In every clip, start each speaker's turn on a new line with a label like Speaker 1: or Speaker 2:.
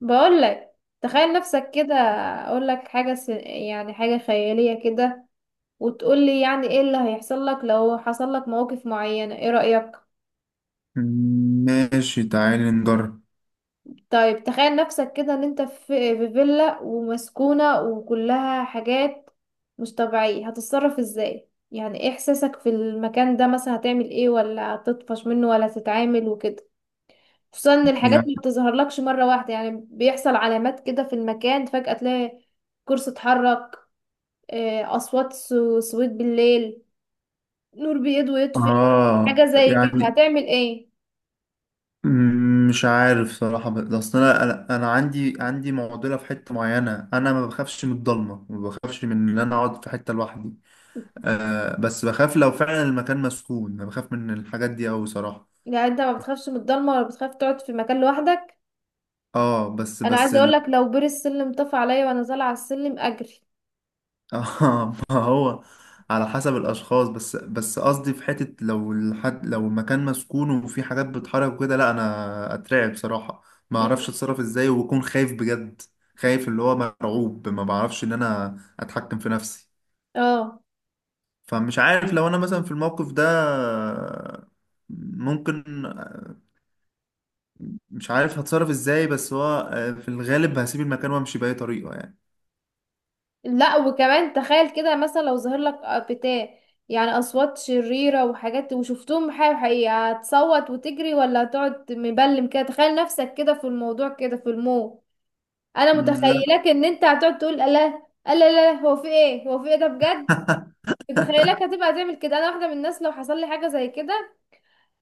Speaker 1: بقول لك تخيل نفسك كده، اقول لك حاجه س... يعني حاجه خياليه كده وتقول لي يعني ايه اللي هيحصل لك لو حصل لك مواقف معينه. ايه رايك؟
Speaker 2: ماشي، تعالي نجرب.
Speaker 1: طيب تخيل نفسك كده ان انت في فيلا ومسكونه وكلها حاجات مش طبيعيه. هتتصرف ازاي؟ يعني ايه احساسك في المكان ده؟ مثلا هتعمل ايه؟ ولا هتطفش منه ولا هتتعامل وكده؟ خصوصا ان الحاجات
Speaker 2: يعني
Speaker 1: ما بتظهرلكش مره واحده، يعني بيحصل علامات كده في المكان، فجاه تلاقي كرسي اتحرك، أصوات سويت بالليل، نور بيض ويطفي. حاجة
Speaker 2: اه
Speaker 1: زي كده
Speaker 2: يعني
Speaker 1: هتعمل ايه؟
Speaker 2: مش عارف صراحة، بس اصل انا انا أنا عندي معضلة في حتة معينة. انا ما بخافش من الضلمة، ما بخافش من ان انا اقعد في حتة لوحدي. بس بخاف لو فعلا المكان مسكون، انا بخاف من الحاجات دي اوي صراحة.
Speaker 1: يعني انت ما بتخافش من الضلمة ولا بتخاف تقعد في مكان لوحدك؟
Speaker 2: اه بس
Speaker 1: أنا
Speaker 2: بس
Speaker 1: عايزة أقولك لو بير السلم طفى عليا وأنا طالعة على السلم أجري.
Speaker 2: اه ما هو على حسب الاشخاص. بس قصدي في حته، لو الحد، لو المكان مسكون وفي حاجات بتتحرك وكده، لا انا اترعب بصراحه. ما اعرفش
Speaker 1: مم.
Speaker 2: اتصرف ازاي، وبكون خايف بجد. خايف اللي هو مرعوب، ما بعرفش ان انا اتحكم في نفسي.
Speaker 1: اه،
Speaker 2: فمش عارف لو انا مثلا في الموقف ده ممكن. مش عارف هتصرف ازاي، بس هو في الغالب هسيب المكان وامشي باي طريقه يعني.
Speaker 1: لا وكمان تخيل كده مثلا لو ظهر لك بتاع، يعني أصوات شريرة وحاجات وشفتهم حقيقي حقيقي، هتصوت وتجري ولا هتقعد مبلم كده؟ تخيل نفسك كده في الموضوع كده في الموت. انا
Speaker 2: لا.
Speaker 1: متخيلاك ان انت هتقعد تقول لا لا، لا لا هو في ايه، هو في ايه ده بجد. متخيلاك هتبقى تعمل كده. انا واحده من الناس لو حصل لي حاجه زي كده،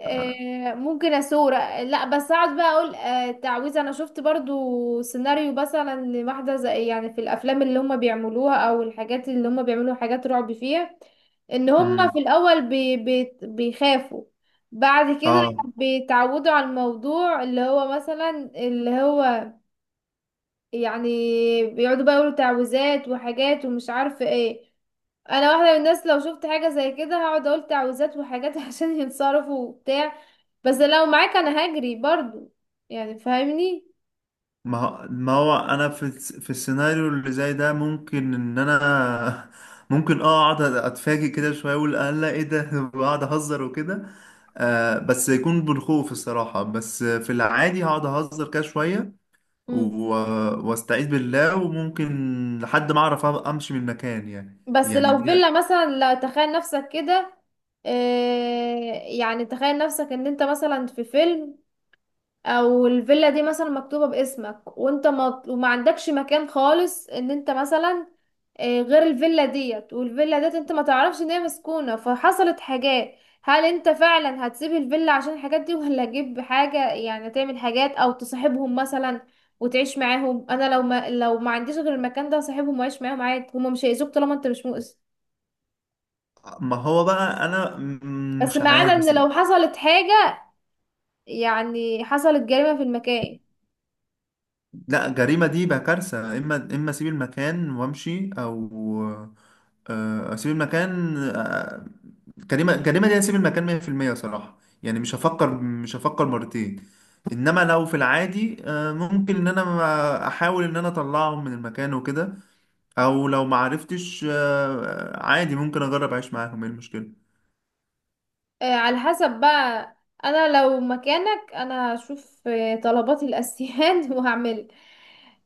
Speaker 1: ممكن اسور، لا بس اقعد بقى اقول تعويذه. انا شفت برضو سيناريو مثلا لواحده زي، يعني في الافلام اللي هم بيعملوها او الحاجات اللي هم بيعملوا حاجات رعب فيها، ان هم في
Speaker 2: امم.
Speaker 1: الاول بي بي بيخافوا، بعد كده
Speaker 2: اه.
Speaker 1: بيتعودوا على الموضوع اللي هو مثلا، اللي هو يعني بيقعدوا بقى يقولوا تعويذات وحاجات ومش عارفة ايه. انا واحدة من الناس لو شفت حاجة زي كده هقعد اقول تعويذات وحاجات عشان ينصرفوا وبتاع. بس لو معاك انا هجري برضو، يعني فاهمني.
Speaker 2: ما هو انا في السيناريو اللي زي ده، ممكن ان انا ممكن اقعد اتفاجئ كده شويه، اقول الله ايه ده واقعد اهزر وكده. بس يكون بالخوف الصراحه. بس في العادي هقعد اهزر كده شويه،
Speaker 1: مم.
Speaker 2: واستعيذ بالله، وممكن لحد ما اعرف امشي من المكان. يعني
Speaker 1: بس
Speaker 2: يعني
Speaker 1: لو
Speaker 2: دي.
Speaker 1: فيلا مثلا، لا تخيل نفسك كده، آه، يعني تخيل نفسك ان انت مثلا في فيلم او الفيلا دي مثلا مكتوبة باسمك وانت ما عندكش مكان خالص، ان انت مثلا غير الفيلا ديت، والفيلا ديت انت ما تعرفش ان هي مسكونة فحصلت حاجات. هل انت فعلا هتسيب الفيلا عشان الحاجات دي، ولا تجيب حاجة يعني تعمل حاجات او تصاحبهم مثلا وتعيش معاهم؟ انا لو ما عنديش غير المكان ده هصاحبهم واعيش معاهم عادي، هما مش هيأذوك طالما انت مش مؤذي.
Speaker 2: ما هو بقى انا
Speaker 1: بس
Speaker 2: مش
Speaker 1: ما عدا
Speaker 2: عارف.
Speaker 1: ان
Speaker 2: بس
Speaker 1: لو حصلت حاجة، يعني حصلت جريمة في المكان.
Speaker 2: لا، جريمة دي بقى كارثة. إما أسيب المكان وأمشي، أو أسيب المكان. جريمة، جريمة دي أسيب المكان 100% صراحة، يعني مش هفكر، مش هفكر مرتين. إنما لو في العادي ممكن إن أنا أحاول إن أنا أطلعهم من المكان وكده. أو لو ما عرفتش عادي، ممكن أجرب أعيش معاهم. إيه
Speaker 1: على حسب بقى. انا لو مكانك انا هشوف طلباتي الاساسيات وهعمل.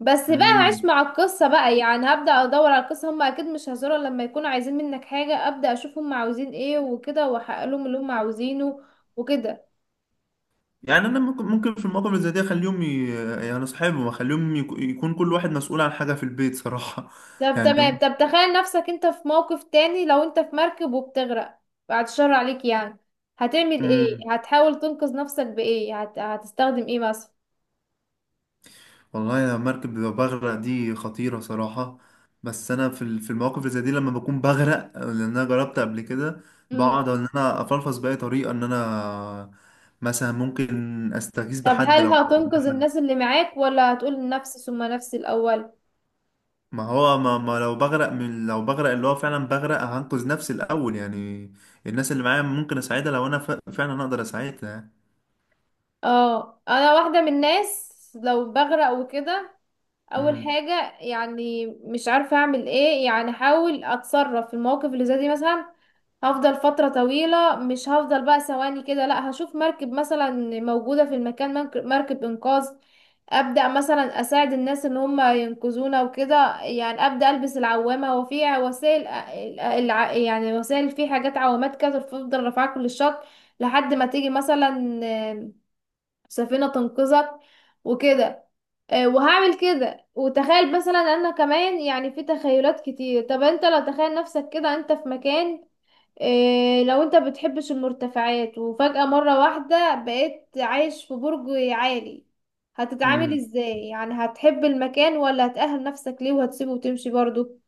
Speaker 1: بس بقى هعيش
Speaker 2: المشكلة؟
Speaker 1: مع القصة بقى، يعني هبدأ ادور على القصة. هم اكيد مش هيزوروا لما يكونوا عايزين منك حاجة، ابدأ اشوف هم عاوزين ايه وكده واحقق لهم اللي هم عاوزينه وكده.
Speaker 2: يعني انا ممكن في المواقف اللي زي دي اخليهم يعني اصحابهم، اخليهم يكون كل واحد مسؤول عن حاجه في البيت صراحه
Speaker 1: طب
Speaker 2: يعني
Speaker 1: تمام،
Speaker 2: هم...
Speaker 1: طب تخيل نفسك انت في موقف تاني، لو انت في مركب وبتغرق، بعد الشر عليك يعني، هتعمل ايه؟
Speaker 2: مم.
Speaker 1: هتحاول تنقذ نفسك بايه؟ هتستخدم ايه مثلا؟
Speaker 2: والله انا مركب لو بغرق دي خطيره صراحه. بس انا في المواقف اللي زي دي، لما بكون بغرق، لان انا جربت قبل كده، بقعد ان انا افلفظ باي طريقه ان انا. مثلا ممكن استغيث
Speaker 1: طب
Speaker 2: بحد لو
Speaker 1: هل
Speaker 2: حواليا
Speaker 1: هتنقذ
Speaker 2: حد.
Speaker 1: الناس اللي معاك، ولا هتقول نفسي ثم نفسي الأول؟
Speaker 2: ما هو ما لو بغرق، من لو بغرق، اللي هو فعلا بغرق هنقذ نفسي الأول يعني. الناس اللي معايا ممكن أساعدها لو أنا فعلا أقدر أساعدها يعني.
Speaker 1: اه انا واحدة من الناس لو بغرق وكده، اول
Speaker 2: مم.
Speaker 1: حاجه يعني مش عارفه اعمل ايه، يعني احاول اتصرف في المواقف اللي زي دي مثلا. هفضل فتره طويله، مش هفضل بقى ثواني كده، لا هشوف مركب مثلا موجوده في المكان مركب انقاذ، ابدا مثلا اساعد الناس ان هم ينقذونا وكده، يعني ابدا البس العوامه وفي وسائل، يعني وسائل في حاجات عوامات كده تفضل رافعاك كل الشط لحد ما تيجي مثلا سفينه تنقذك وكده. وهعمل كده. وتخيل مثلا انا كمان يعني في تخيلات كتير، طب انت لو تخيل نفسك كده انت في مكان، لو انت بتحبش المرتفعات وفجأة مرة واحدة بقيت عايش في برج عالي، هتتعامل
Speaker 2: مم.
Speaker 1: ازاي؟ يعني هتحب المكان ولا هتأهل نفسك ليه وهتسيبه وتمشي برضو؟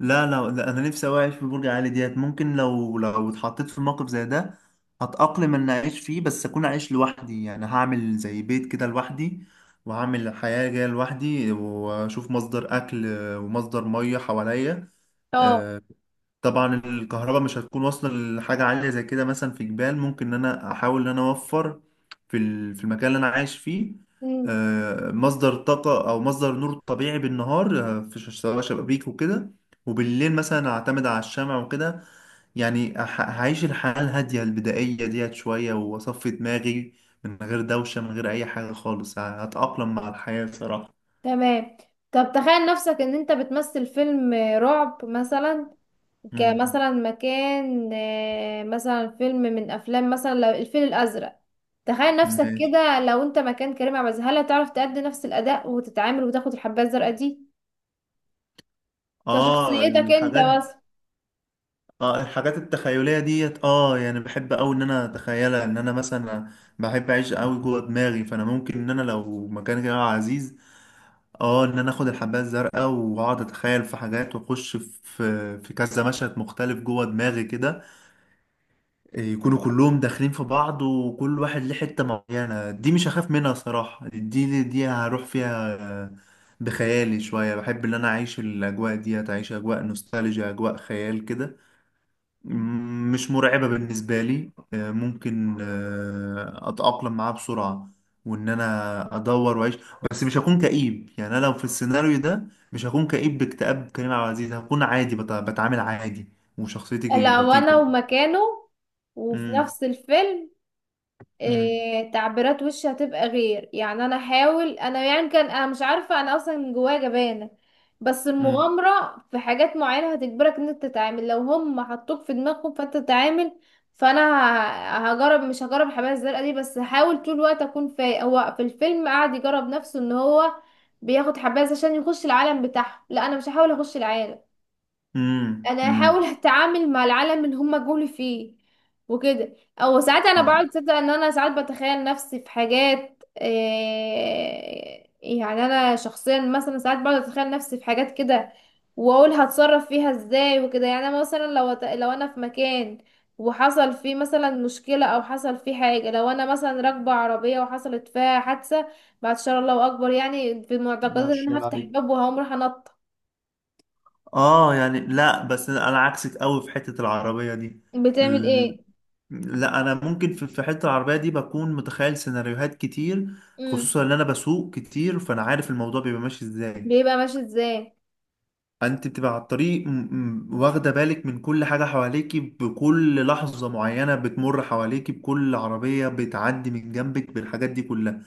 Speaker 2: لا لا لا، أنا نفسي أوي أعيش في برج عالي ديت. ممكن لو اتحطيت في موقف زي ده، هتأقلم إن أعيش فيه، بس أكون عايش لوحدي. يعني هعمل زي بيت كده لوحدي، وهعمل حياة جاية لوحدي، وأشوف مصدر أكل ومصدر مية حواليا.
Speaker 1: اه.
Speaker 2: آه، طبعا الكهرباء مش هتكون واصلة لحاجة عالية زي كده. مثلا في جبال، ممكن ان انا احاول ان انا اوفر في المكان اللي انا عايش فيه
Speaker 1: مم.
Speaker 2: مصدر طاقة او مصدر نور طبيعي بالنهار، سواء شبابيك وكده، وبالليل مثلا اعتمد على الشمع وكده. يعني هعيش الحياة الهادية البدائية ديت شوية، واصفي دماغي من غير دوشة، من غير اي حاجة خالص. هتأقلم مع الحياة صراحة.
Speaker 1: تمام، طب تخيل نفسك ان انت بتمثل فيلم رعب مثلا،
Speaker 2: مم.
Speaker 1: كمثلا مكان مثلا فيلم من افلام مثلا لو الفيل الازرق، تخيل نفسك
Speaker 2: ماشي.
Speaker 1: كده لو انت مكان كريم عبد العزيز، هل هتعرف تأدي نفس الاداء وتتعامل وتاخد الحبايه الزرقاء دي
Speaker 2: اه
Speaker 1: كشخصيتك انت
Speaker 2: الحاجات
Speaker 1: بس؟
Speaker 2: اه الحاجات التخيلية ديت، يعني بحب اوي ان انا اتخيلها. ان انا مثلا بحب اعيش اوي جوه دماغي، فانا ممكن ان انا لو مكان كده عزيز، اه ان انا اخد الحباية الزرقاء، واقعد اتخيل في حاجات، واخش في كذا مشهد مختلف جوه دماغي كده. يكونوا كلهم داخلين في بعض، وكل واحد ليه حتة معينة. دي مش هخاف منها صراحة، دي هروح فيها بخيالي شوية. بحب ان انا اعيش الاجواء ديت، اعيش اجواء نوستالجيا، اجواء خيال كده. مش مرعبة بالنسبة لي. ممكن أتأقلم معاه بسرعة، وإن أنا أدور وأعيش. بس مش هكون كئيب. يعني أنا لو في السيناريو ده مش هكون كئيب باكتئاب كريم عبد العزيز، هكون عادي. بتعامل عادي وشخصيتي
Speaker 1: لو انا
Speaker 2: لطيفة.
Speaker 1: ومكانه وفي
Speaker 2: مم.
Speaker 1: نفس الفيلم،
Speaker 2: مم.
Speaker 1: إيه تعبيرات وشي هتبقى غير؟ يعني انا احاول، انا يعني كان، انا مش عارفه انا اصلا من جوايا جبانه، بس
Speaker 2: مم.
Speaker 1: المغامره في حاجات معينه هتجبرك ان انت تتعامل، لو هم حطوك في دماغهم فانت تتعامل. فانا هجرب، مش هجرب الحبايه الزرقاء دي، بس هحاول طول الوقت اكون فايق. هو في الفيلم قعد يجرب نفسه ان هو بياخد حبايه عشان يخش العالم بتاعهم، لا انا مش هحاول اخش العالم،
Speaker 2: مم.
Speaker 1: انا هحاول
Speaker 2: مم.
Speaker 1: اتعامل مع العالم اللي هم جولي فيه وكده. او ساعات انا
Speaker 2: آه،
Speaker 1: بقعد تصدق ان انا ساعات بتخيل نفسي في حاجات، إيه يعني، انا شخصيا مثلا ساعات بقعد اتخيل نفسي في حاجات كده واقول هتصرف فيها ازاي وكده. يعني انا مثلا لو انا في مكان وحصل فيه مثلا مشكلة او حصل فيه حاجة، لو انا مثلا راكبة عربية وحصلت فيها حادثة، بعد شر الله اكبر يعني، في معتقدات
Speaker 2: ما
Speaker 1: ان
Speaker 2: شاء
Speaker 1: انا
Speaker 2: الله
Speaker 1: هفتح
Speaker 2: عليك.
Speaker 1: الباب وهقوم رايحة انط.
Speaker 2: يعني لا، بس أنا عكسك أوي في حتة العربية دي.
Speaker 1: بتعمل ايه؟
Speaker 2: لا انا ممكن في حته العربيه دي بكون متخيل سيناريوهات كتير.
Speaker 1: امم،
Speaker 2: خصوصا ان انا بسوق كتير، فانا عارف الموضوع بيبقى ماشي ازاي.
Speaker 1: بيبقى ماشي ازاي؟
Speaker 2: انت بتبقى على الطريق، واخده بالك من كل حاجه حواليكي، بكل لحظه معينه بتمر حواليكي، بكل عربيه بتعدي من جنبك، بالحاجات دي كلها.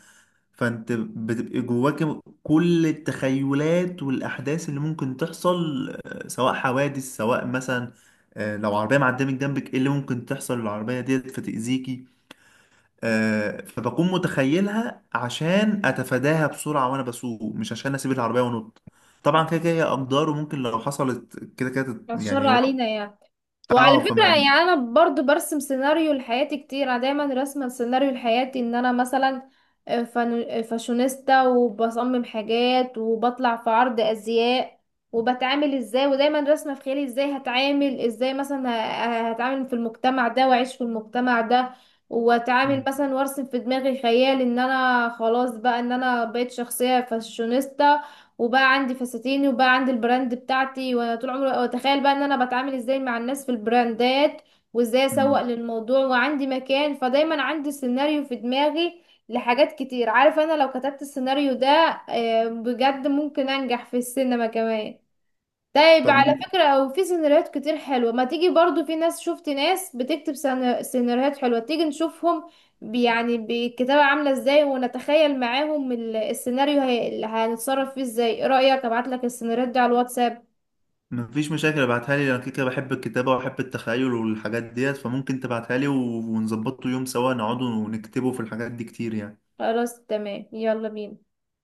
Speaker 2: فانت بتبقى جواك كل التخيلات والاحداث اللي ممكن تحصل، سواء حوادث، سواء مثلا لو عربيه معديه من جنبك، ايه اللي ممكن تحصل للعربيه ديت فتاذيكي. فبكون متخيلها عشان اتفاداها بسرعه وانا بسوق، مش عشان اسيب العربيه وانط. طبعا كده كده هي اقدار، وممكن لو حصلت كده كده
Speaker 1: الشر
Speaker 2: يعني هو
Speaker 1: علينا يعني. وعلى
Speaker 2: اه
Speaker 1: فكرة
Speaker 2: فما.
Speaker 1: يعني أنا برضو برسم سيناريو لحياتي كتير، أنا دايما راسمة سيناريو لحياتي إن أنا مثلا فاشونيستا وبصمم حاجات وبطلع في عرض أزياء وبتعامل ازاي، ودايما راسمة في خيالي ازاي هتعامل، ازاي مثلا هتعامل في المجتمع ده وأعيش في المجتمع ده واتعامل
Speaker 2: مم.
Speaker 1: مثلا، وارسم في دماغي خيال ان انا خلاص بقى ان انا بقيت شخصية فاشونيستا وبقى عندي فساتيني وبقى عندي البراند بتاعتي، وانا طول عمري واتخيل بقى ان انا بتعامل ازاي مع الناس في البراندات، وازاي اسوق
Speaker 2: مم.
Speaker 1: للموضوع وعندي مكان، فدايما عندي سيناريو في دماغي لحاجات كتير. عارف انا لو كتبت السيناريو ده بجد ممكن انجح في السينما كمان. طيب
Speaker 2: طب ما
Speaker 1: على فكرة في سيناريوهات كتير حلوة، ما تيجي برضو، في ناس شفت ناس بتكتب سيناريوهات حلوة، تيجي نشوفهم يعني بالكتابة عاملة ازاي، ونتخيل معاهم السيناريو اللي هنتصرف فيه ازاي. ايه رأيك ابعتلك السيناريوهات دي على الواتساب؟
Speaker 2: ما فيش مشاكل، ابعتها لي. انا كده كده بحب الكتابه وبحب التخيل والحاجات ديت، فممكن تبعتها لي، ونظبطه يوم سوا، نقعد ونكتبه في الحاجات دي كتير يعني.
Speaker 1: خلاص تمام، يلا بينا.